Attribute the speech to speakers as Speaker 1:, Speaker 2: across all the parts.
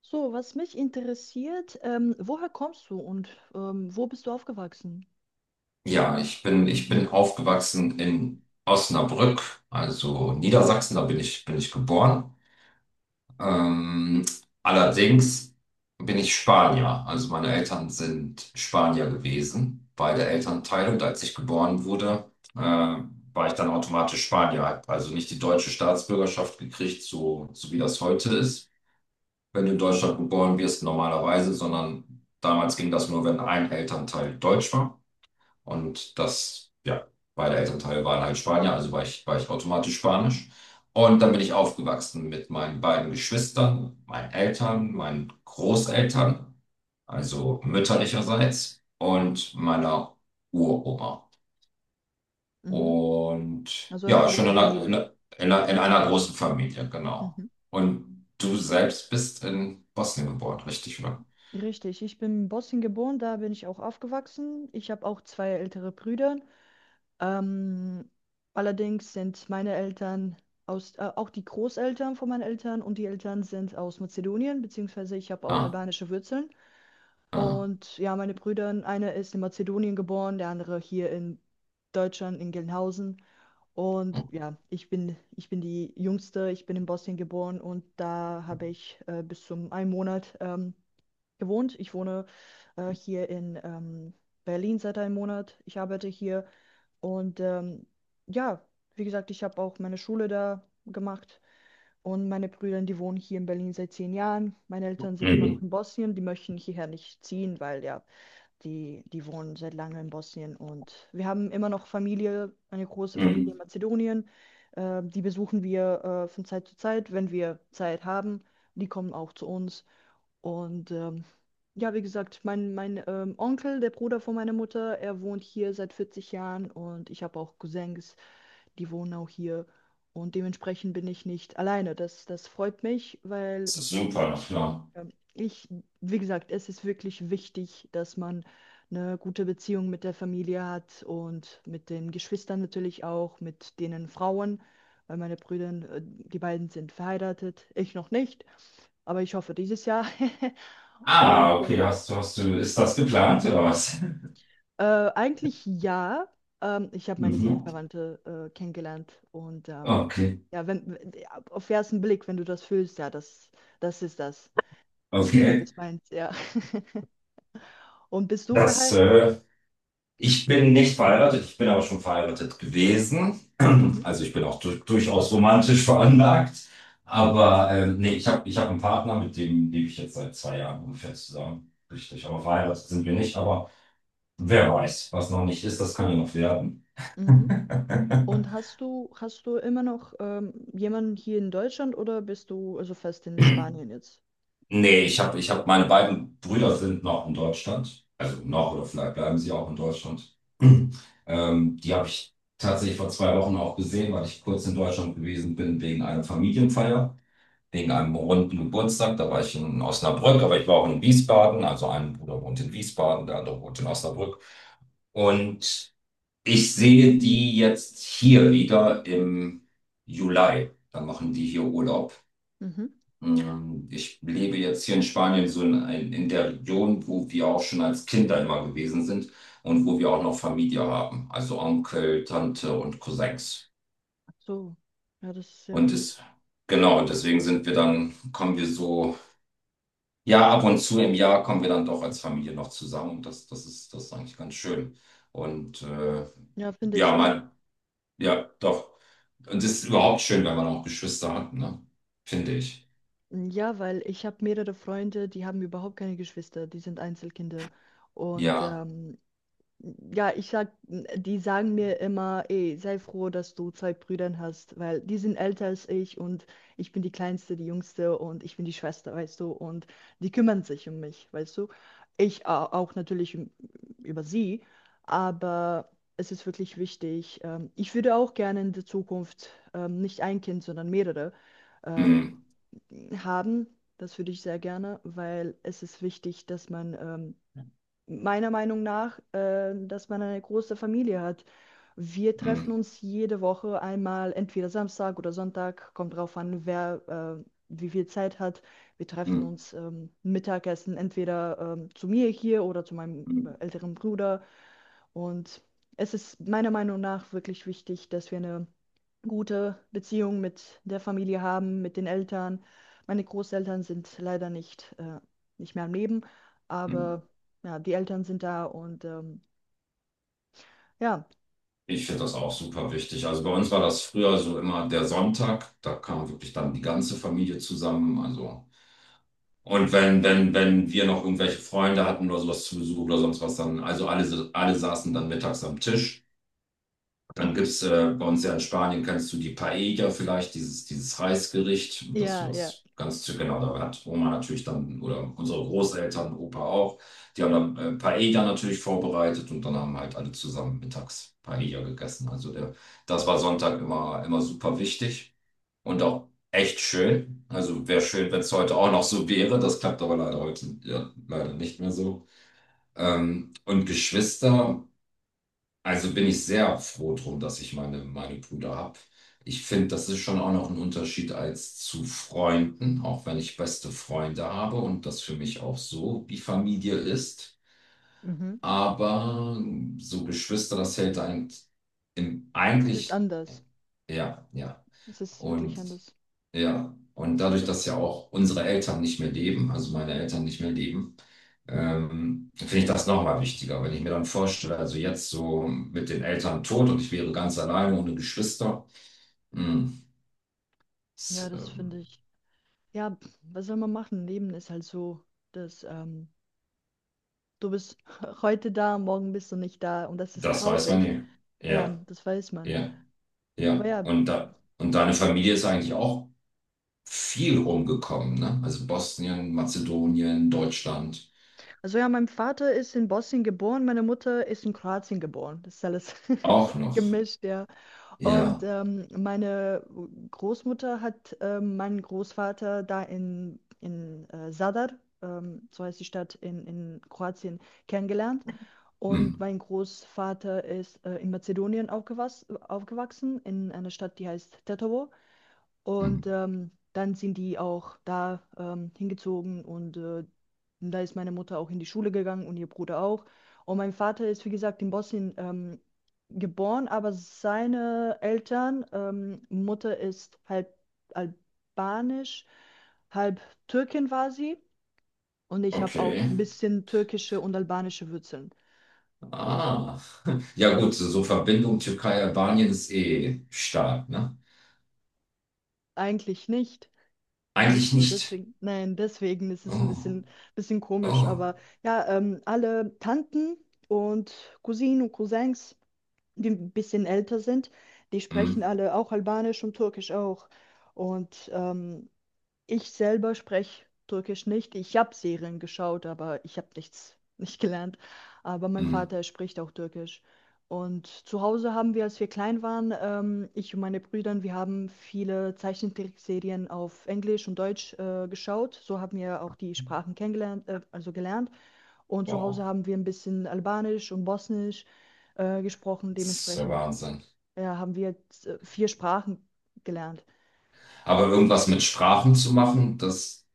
Speaker 1: So, was mich interessiert, woher kommst du und wo bist du aufgewachsen?
Speaker 2: Ja, ich bin aufgewachsen in Osnabrück, also Niedersachsen, da bin ich geboren. Ähm, allerdings bin ich Spanier, also meine Eltern sind Spanier gewesen, beide Elternteile. Und als ich geboren wurde, äh, war ich dann automatisch Spanier, hab also nicht die deutsche Staatsbürgerschaft gekriegt, so wie das heute ist, wenn du in Deutschland geboren wirst normalerweise, sondern damals ging das nur, wenn ein Elternteil deutsch war. Und das, ja, Beide Elternteile waren halt Spanier, also war ich automatisch Spanisch. Und dann bin ich aufgewachsen mit meinen beiden Geschwistern, meinen Eltern, meinen Großeltern, also mütterlicherseits, und meiner Uroma.
Speaker 1: Mhm.
Speaker 2: Und
Speaker 1: Also eine
Speaker 2: ja, schon
Speaker 1: große
Speaker 2: in einer,
Speaker 1: Familie.
Speaker 2: in einer, in einer großen Familie, genau.
Speaker 1: Mhm.
Speaker 2: Und du selbst bist in Bosnien geboren, richtig, oder?
Speaker 1: Richtig, ich bin in Bosnien geboren, da bin ich auch aufgewachsen. Ich habe auch zwei ältere Brüder. Ähm, Allerdings sind meine Eltern auch die Großeltern von meinen Eltern und die Eltern sind aus Mazedonien, beziehungsweise ich habe auch
Speaker 2: Ah,
Speaker 1: albanische Wurzeln.
Speaker 2: ah.
Speaker 1: Und ja, meine Brüder, einer ist in Mazedonien geboren, der andere hier in Deutschland, in Gelnhausen. Und ja, ich bin die Jüngste, ich bin in Bosnien geboren und da habe ich bis zum einen Monat gewohnt. Ich wohne hier in Berlin seit einem Monat. Ich arbeite hier und ja, wie gesagt, ich habe auch meine Schule da gemacht und meine Brüder, die wohnen hier in Berlin seit zehn Jahren. Meine Eltern sind immer noch
Speaker 2: Mhm.
Speaker 1: in Bosnien, die möchten hierher nicht ziehen, weil ja, die wohnen seit langem in Bosnien und wir haben immer noch Familie, eine große Familie in
Speaker 2: Mhm.
Speaker 1: Mazedonien. Die besuchen wir von Zeit zu Zeit, wenn wir Zeit haben. Die kommen auch zu uns. Und ja, wie gesagt, mein Onkel, der Bruder von meiner Mutter, er wohnt hier seit 40 Jahren und ich habe auch Cousins, die wohnen auch hier. Und dementsprechend bin ich nicht alleine. Das freut mich, weil
Speaker 2: Das ist super, ja.
Speaker 1: ja, Ich, wie gesagt, es ist wirklich wichtig, dass man eine gute Beziehung mit der Familie hat und mit den Geschwistern natürlich auch, mit denen Frauen, weil meine Brüder, die beiden sind verheiratet, ich noch nicht, aber ich hoffe dieses Jahr. Und
Speaker 2: Ah, okay, ist das geplant oder was?
Speaker 1: eigentlich ja, ich habe meine
Speaker 2: Mhm.
Speaker 1: Seelenverwandte kennengelernt und
Speaker 2: Okay,
Speaker 1: ja, wenn, w- auf ersten Blick, wenn du das fühlst, ja, das, das ist das. So
Speaker 2: okay.
Speaker 1: bist meins, ja. Und bist du
Speaker 2: Das,
Speaker 1: verheiratet?
Speaker 2: äh, Ich bin nicht verheiratet, ich bin aber schon verheiratet gewesen. Also ich bin auch du durchaus romantisch veranlagt. Aber nee, ich hab einen Partner, mit dem lebe ich jetzt seit 2 Jahren ungefähr zusammen. Richtig, aber verheiratet sind wir nicht. Aber wer weiß, was noch nicht ist, das kann ja noch werden.
Speaker 1: Mhm. Und hast du immer noch jemanden hier in Deutschland oder bist du also fest in Spanien jetzt?
Speaker 2: Nee, ich habe ich hab, meine beiden Brüder sind noch in Deutschland. Also noch oder vielleicht bleiben sie auch in Deutschland. Die habe ich tatsächlich vor 2 Wochen auch gesehen, weil ich kurz in Deutschland gewesen bin wegen einer Familienfeier, wegen einem runden Geburtstag. Da war ich in Osnabrück, aber ich war auch in Wiesbaden. Also ein Bruder wohnt in Wiesbaden, der andere wohnt in Osnabrück. Und ich sehe die jetzt hier wieder im Juli. Dann machen die hier Urlaub.
Speaker 1: Mhm.
Speaker 2: Ich lebe jetzt hier in Spanien, so in der Region, wo wir auch schon als Kinder immer gewesen sind und wo wir auch noch Familie haben, also Onkel, Tante und Cousins.
Speaker 1: Ach so, ja, das ist sehr
Speaker 2: Und
Speaker 1: gut.
Speaker 2: ist, genau, und deswegen kommen wir so, ja, ab und zu im Jahr kommen wir dann doch als Familie noch zusammen und das, das ist eigentlich ganz schön. Und
Speaker 1: Ja, finde ich
Speaker 2: ja,
Speaker 1: auch.
Speaker 2: mal, ja, doch. Und es ist überhaupt schön, wenn man auch Geschwister hat, ne? Finde ich.
Speaker 1: Ja, weil ich habe mehrere Freunde, die haben überhaupt keine Geschwister, die sind Einzelkinder. Und
Speaker 2: Ja.
Speaker 1: ähm, Ja, ich sag, die sagen mir immer, ey, sei froh, dass du zwei Brüder hast, weil die sind älter als ich und ich bin die Kleinste, die Jüngste und ich bin die Schwester, weißt du, und die kümmern sich um mich, weißt du. Auch natürlich über sie, aber es ist wirklich wichtig. Ich würde auch gerne in der Zukunft nicht ein Kind, sondern mehrere ähm,
Speaker 2: Mm,
Speaker 1: haben. Das würde ich sehr gerne, weil es ist wichtig, dass man meiner Meinung nach, dass man eine große Familie hat. Wir
Speaker 2: mm,
Speaker 1: treffen uns jede Woche einmal, entweder Samstag oder Sonntag, kommt drauf an, wer wie viel Zeit hat. Wir treffen
Speaker 2: mm,
Speaker 1: uns Mittagessen, entweder zu mir hier oder zu meinem
Speaker 2: mm,
Speaker 1: älteren Bruder. Und es ist meiner Meinung nach wirklich wichtig, dass wir eine gute Beziehung mit der Familie haben, mit den Eltern. Meine Großeltern sind leider nicht mehr am Leben,
Speaker 2: mm.
Speaker 1: aber ja, die Eltern sind da und ja,
Speaker 2: Ich finde das auch super wichtig. Also bei uns war das früher so immer der Sonntag, da kam wirklich dann die ganze Familie zusammen. Also und wenn wir noch irgendwelche Freunde hatten oder sowas zu Besuch oder sonst was dann, also alle saßen dann mittags am Tisch. Dann
Speaker 1: Mhm.
Speaker 2: gibt es bei uns ja in Spanien, kennst du die Paella vielleicht, dieses, dieses Reisgericht, dass du
Speaker 1: ja, ja,
Speaker 2: das ganz genau, da hat Oma natürlich dann, oder unsere Großeltern, Opa auch, die haben dann Paella natürlich vorbereitet und dann haben halt alle zusammen mittags Paella gegessen. Das war Sonntag immer, immer super wichtig und auch echt schön. Also wäre schön, wenn es heute auch noch so wäre. Das klappt aber leider heute ja, leider nicht mehr so. Und Geschwister. Also bin ich sehr froh drum, dass ich meine Brüder habe. Ich finde, das ist schon auch noch ein Unterschied als zu Freunden, auch wenn ich beste Freunde habe und das für mich auch so wie Familie ist.
Speaker 1: Mhm.
Speaker 2: Aber so Geschwister, das hält einen im,
Speaker 1: es ist
Speaker 2: eigentlich,
Speaker 1: anders.
Speaker 2: ja, ja.
Speaker 1: Es ist wirklich
Speaker 2: Und
Speaker 1: anders.
Speaker 2: ja, und dadurch, dass ja auch unsere Eltern nicht mehr leben, also meine Eltern nicht mehr leben, finde ich das nochmal wichtiger. Wenn ich mir dann vorstelle, also jetzt so mit den Eltern tot und ich wäre ganz alleine ohne Geschwister, mh,
Speaker 1: Ja,
Speaker 2: das,
Speaker 1: das
Speaker 2: ähm,
Speaker 1: finde ich. Ja, pf, was soll man machen? Leben ist halt so, dass du bist heute da, morgen bist du nicht da und das ist
Speaker 2: das weiß man
Speaker 1: traurig.
Speaker 2: nie.
Speaker 1: Ja,
Speaker 2: Ja,
Speaker 1: das weiß man.
Speaker 2: ja,
Speaker 1: Aber
Speaker 2: ja.
Speaker 1: ja,
Speaker 2: Und deine Familie ist eigentlich auch viel rumgekommen, ne? Also Bosnien, Mazedonien, Deutschland
Speaker 1: also ja, mein Vater ist in Bosnien geboren, meine Mutter ist in Kroatien geboren. Das ist alles
Speaker 2: auch noch.
Speaker 1: gemischt, ja. Und
Speaker 2: Ja.
Speaker 1: meine Großmutter hat meinen Großvater da in Zadar, so heißt die Stadt in Kroatien, kennengelernt. Und
Speaker 2: Hm.
Speaker 1: mein Großvater ist in Mazedonien aufgewas aufgewachsen, in einer Stadt, die heißt Tetovo.
Speaker 2: Hm.
Speaker 1: Und dann sind die auch da hingezogen und da ist meine Mutter auch in die Schule gegangen und ihr Bruder auch. Und mein Vater ist, wie gesagt, in Bosnien geboren, aber seine Eltern, Mutter ist halb albanisch, halb Türkin war sie. Und ich habe auch
Speaker 2: Okay.
Speaker 1: ein bisschen türkische und albanische Wurzeln.
Speaker 2: Ah. Ja gut, so Verbindung Türkei-Albanien ist eh stark, ne?
Speaker 1: Eigentlich nicht. Nicht
Speaker 2: Eigentlich
Speaker 1: so,
Speaker 2: nicht.
Speaker 1: deswegen, nein, deswegen ist es ein
Speaker 2: Oh,
Speaker 1: bisschen komisch,
Speaker 2: oh,
Speaker 1: aber ja, alle Tanten und Cousinen und Cousins, die ein bisschen älter sind, die
Speaker 2: mm,
Speaker 1: sprechen alle auch Albanisch und Türkisch auch. Und ich selber spreche Türkisch nicht. Ich habe Serien geschaut, aber ich habe nichts nicht gelernt. Aber mein
Speaker 2: mm,
Speaker 1: Vater spricht auch Türkisch. Und zu Hause haben wir, als wir klein waren, ich und meine Brüder, wir haben viele Zeichentrickserien auf Englisch und Deutsch geschaut. So haben wir auch die Sprachen kennengelernt, also gelernt. Und zu Hause
Speaker 2: wow,
Speaker 1: haben wir ein bisschen Albanisch und Bosnisch gesprochen.
Speaker 2: das ist der
Speaker 1: Dementsprechend
Speaker 2: Wahnsinn.
Speaker 1: ja, haben wir jetzt, vier Sprachen gelernt.
Speaker 2: Aber irgendwas mit Sprachen zu machen, das,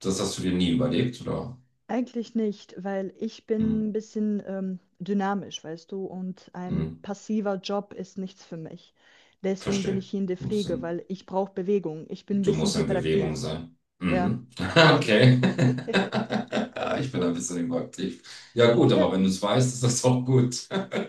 Speaker 2: das hast du dir nie überlegt, oder?
Speaker 1: Eigentlich nicht, weil ich
Speaker 2: Mm,
Speaker 1: bin ein dynamisch, weißt du, und ein
Speaker 2: mm,
Speaker 1: passiver Job ist nichts für mich. Deswegen bin
Speaker 2: verstehe.
Speaker 1: ich hier in der
Speaker 2: Du musst
Speaker 1: Pflege,
Speaker 2: in,
Speaker 1: weil ich brauche Bewegung. Ich bin ein
Speaker 2: du
Speaker 1: bisschen
Speaker 2: musst in Bewegung
Speaker 1: hyperaktiv.
Speaker 2: sein.
Speaker 1: Ja,
Speaker 2: Mhm.
Speaker 1: deswegen.
Speaker 2: Okay. Ich bin ein bisschen überaktiv. Ja gut, aber wenn du es weißt, ist das auch gut.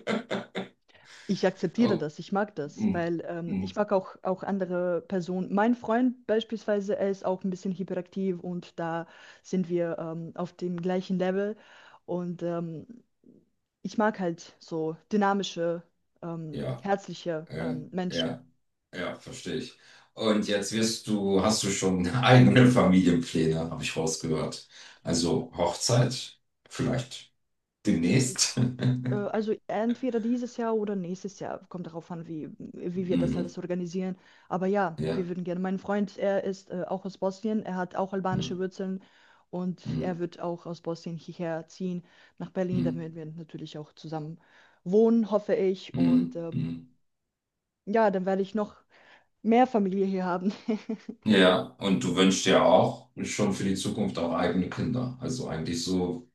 Speaker 1: Ich akzeptiere
Speaker 2: Oh,
Speaker 1: das, ich mag das,
Speaker 2: mm,
Speaker 1: weil ich
Speaker 2: mm,
Speaker 1: mag auch andere Personen. Mein Freund beispielsweise, er ist auch ein bisschen hyperaktiv und da sind wir auf dem gleichen Level. Und ich mag halt so dynamische,
Speaker 2: ja,
Speaker 1: herzliche
Speaker 2: äh,
Speaker 1: Menschen.
Speaker 2: ja. Ja, verstehe ich. Und jetzt wirst du, hast du schon eigene Familienpläne, habe ich rausgehört. Also Hochzeit, vielleicht demnächst.
Speaker 1: Also entweder dieses Jahr oder nächstes Jahr, kommt darauf an, wie wir das
Speaker 2: Mhm.
Speaker 1: alles organisieren. Aber ja, wir
Speaker 2: Ja.
Speaker 1: würden gerne. Mein Freund, er ist auch aus Bosnien, er hat auch
Speaker 2: Mhm.
Speaker 1: albanische Wurzeln und er
Speaker 2: Mhm.
Speaker 1: wird auch aus Bosnien hierher ziehen nach Berlin. Dann
Speaker 2: Mhm.
Speaker 1: werden wir natürlich auch zusammen wohnen, hoffe ich.
Speaker 2: Mhm.
Speaker 1: Und
Speaker 2: Mhm.
Speaker 1: ja, dann werde ich noch mehr Familie hier haben.
Speaker 2: Ja, und du wünschst dir auch schon für die Zukunft auch eigene Kinder. Also eigentlich so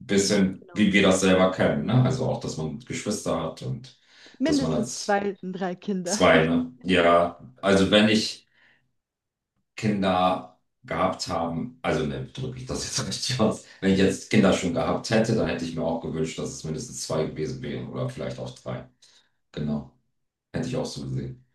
Speaker 2: ein
Speaker 1: Mm,
Speaker 2: bisschen,
Speaker 1: genau.
Speaker 2: wie wir das selber kennen, ne? Also auch, dass man Geschwister hat und dass man
Speaker 1: Mindestens
Speaker 2: als
Speaker 1: zwei, drei Kinder.
Speaker 2: zwei, ne? Ja, also wenn ich. Kinder gehabt haben, also ne, drücke ich das jetzt richtig aus. Wenn ich jetzt Kinder schon gehabt hätte, dann hätte ich mir auch gewünscht, dass es mindestens zwei gewesen wären oder vielleicht auch drei. Genau. Hätte ich auch so gesehen.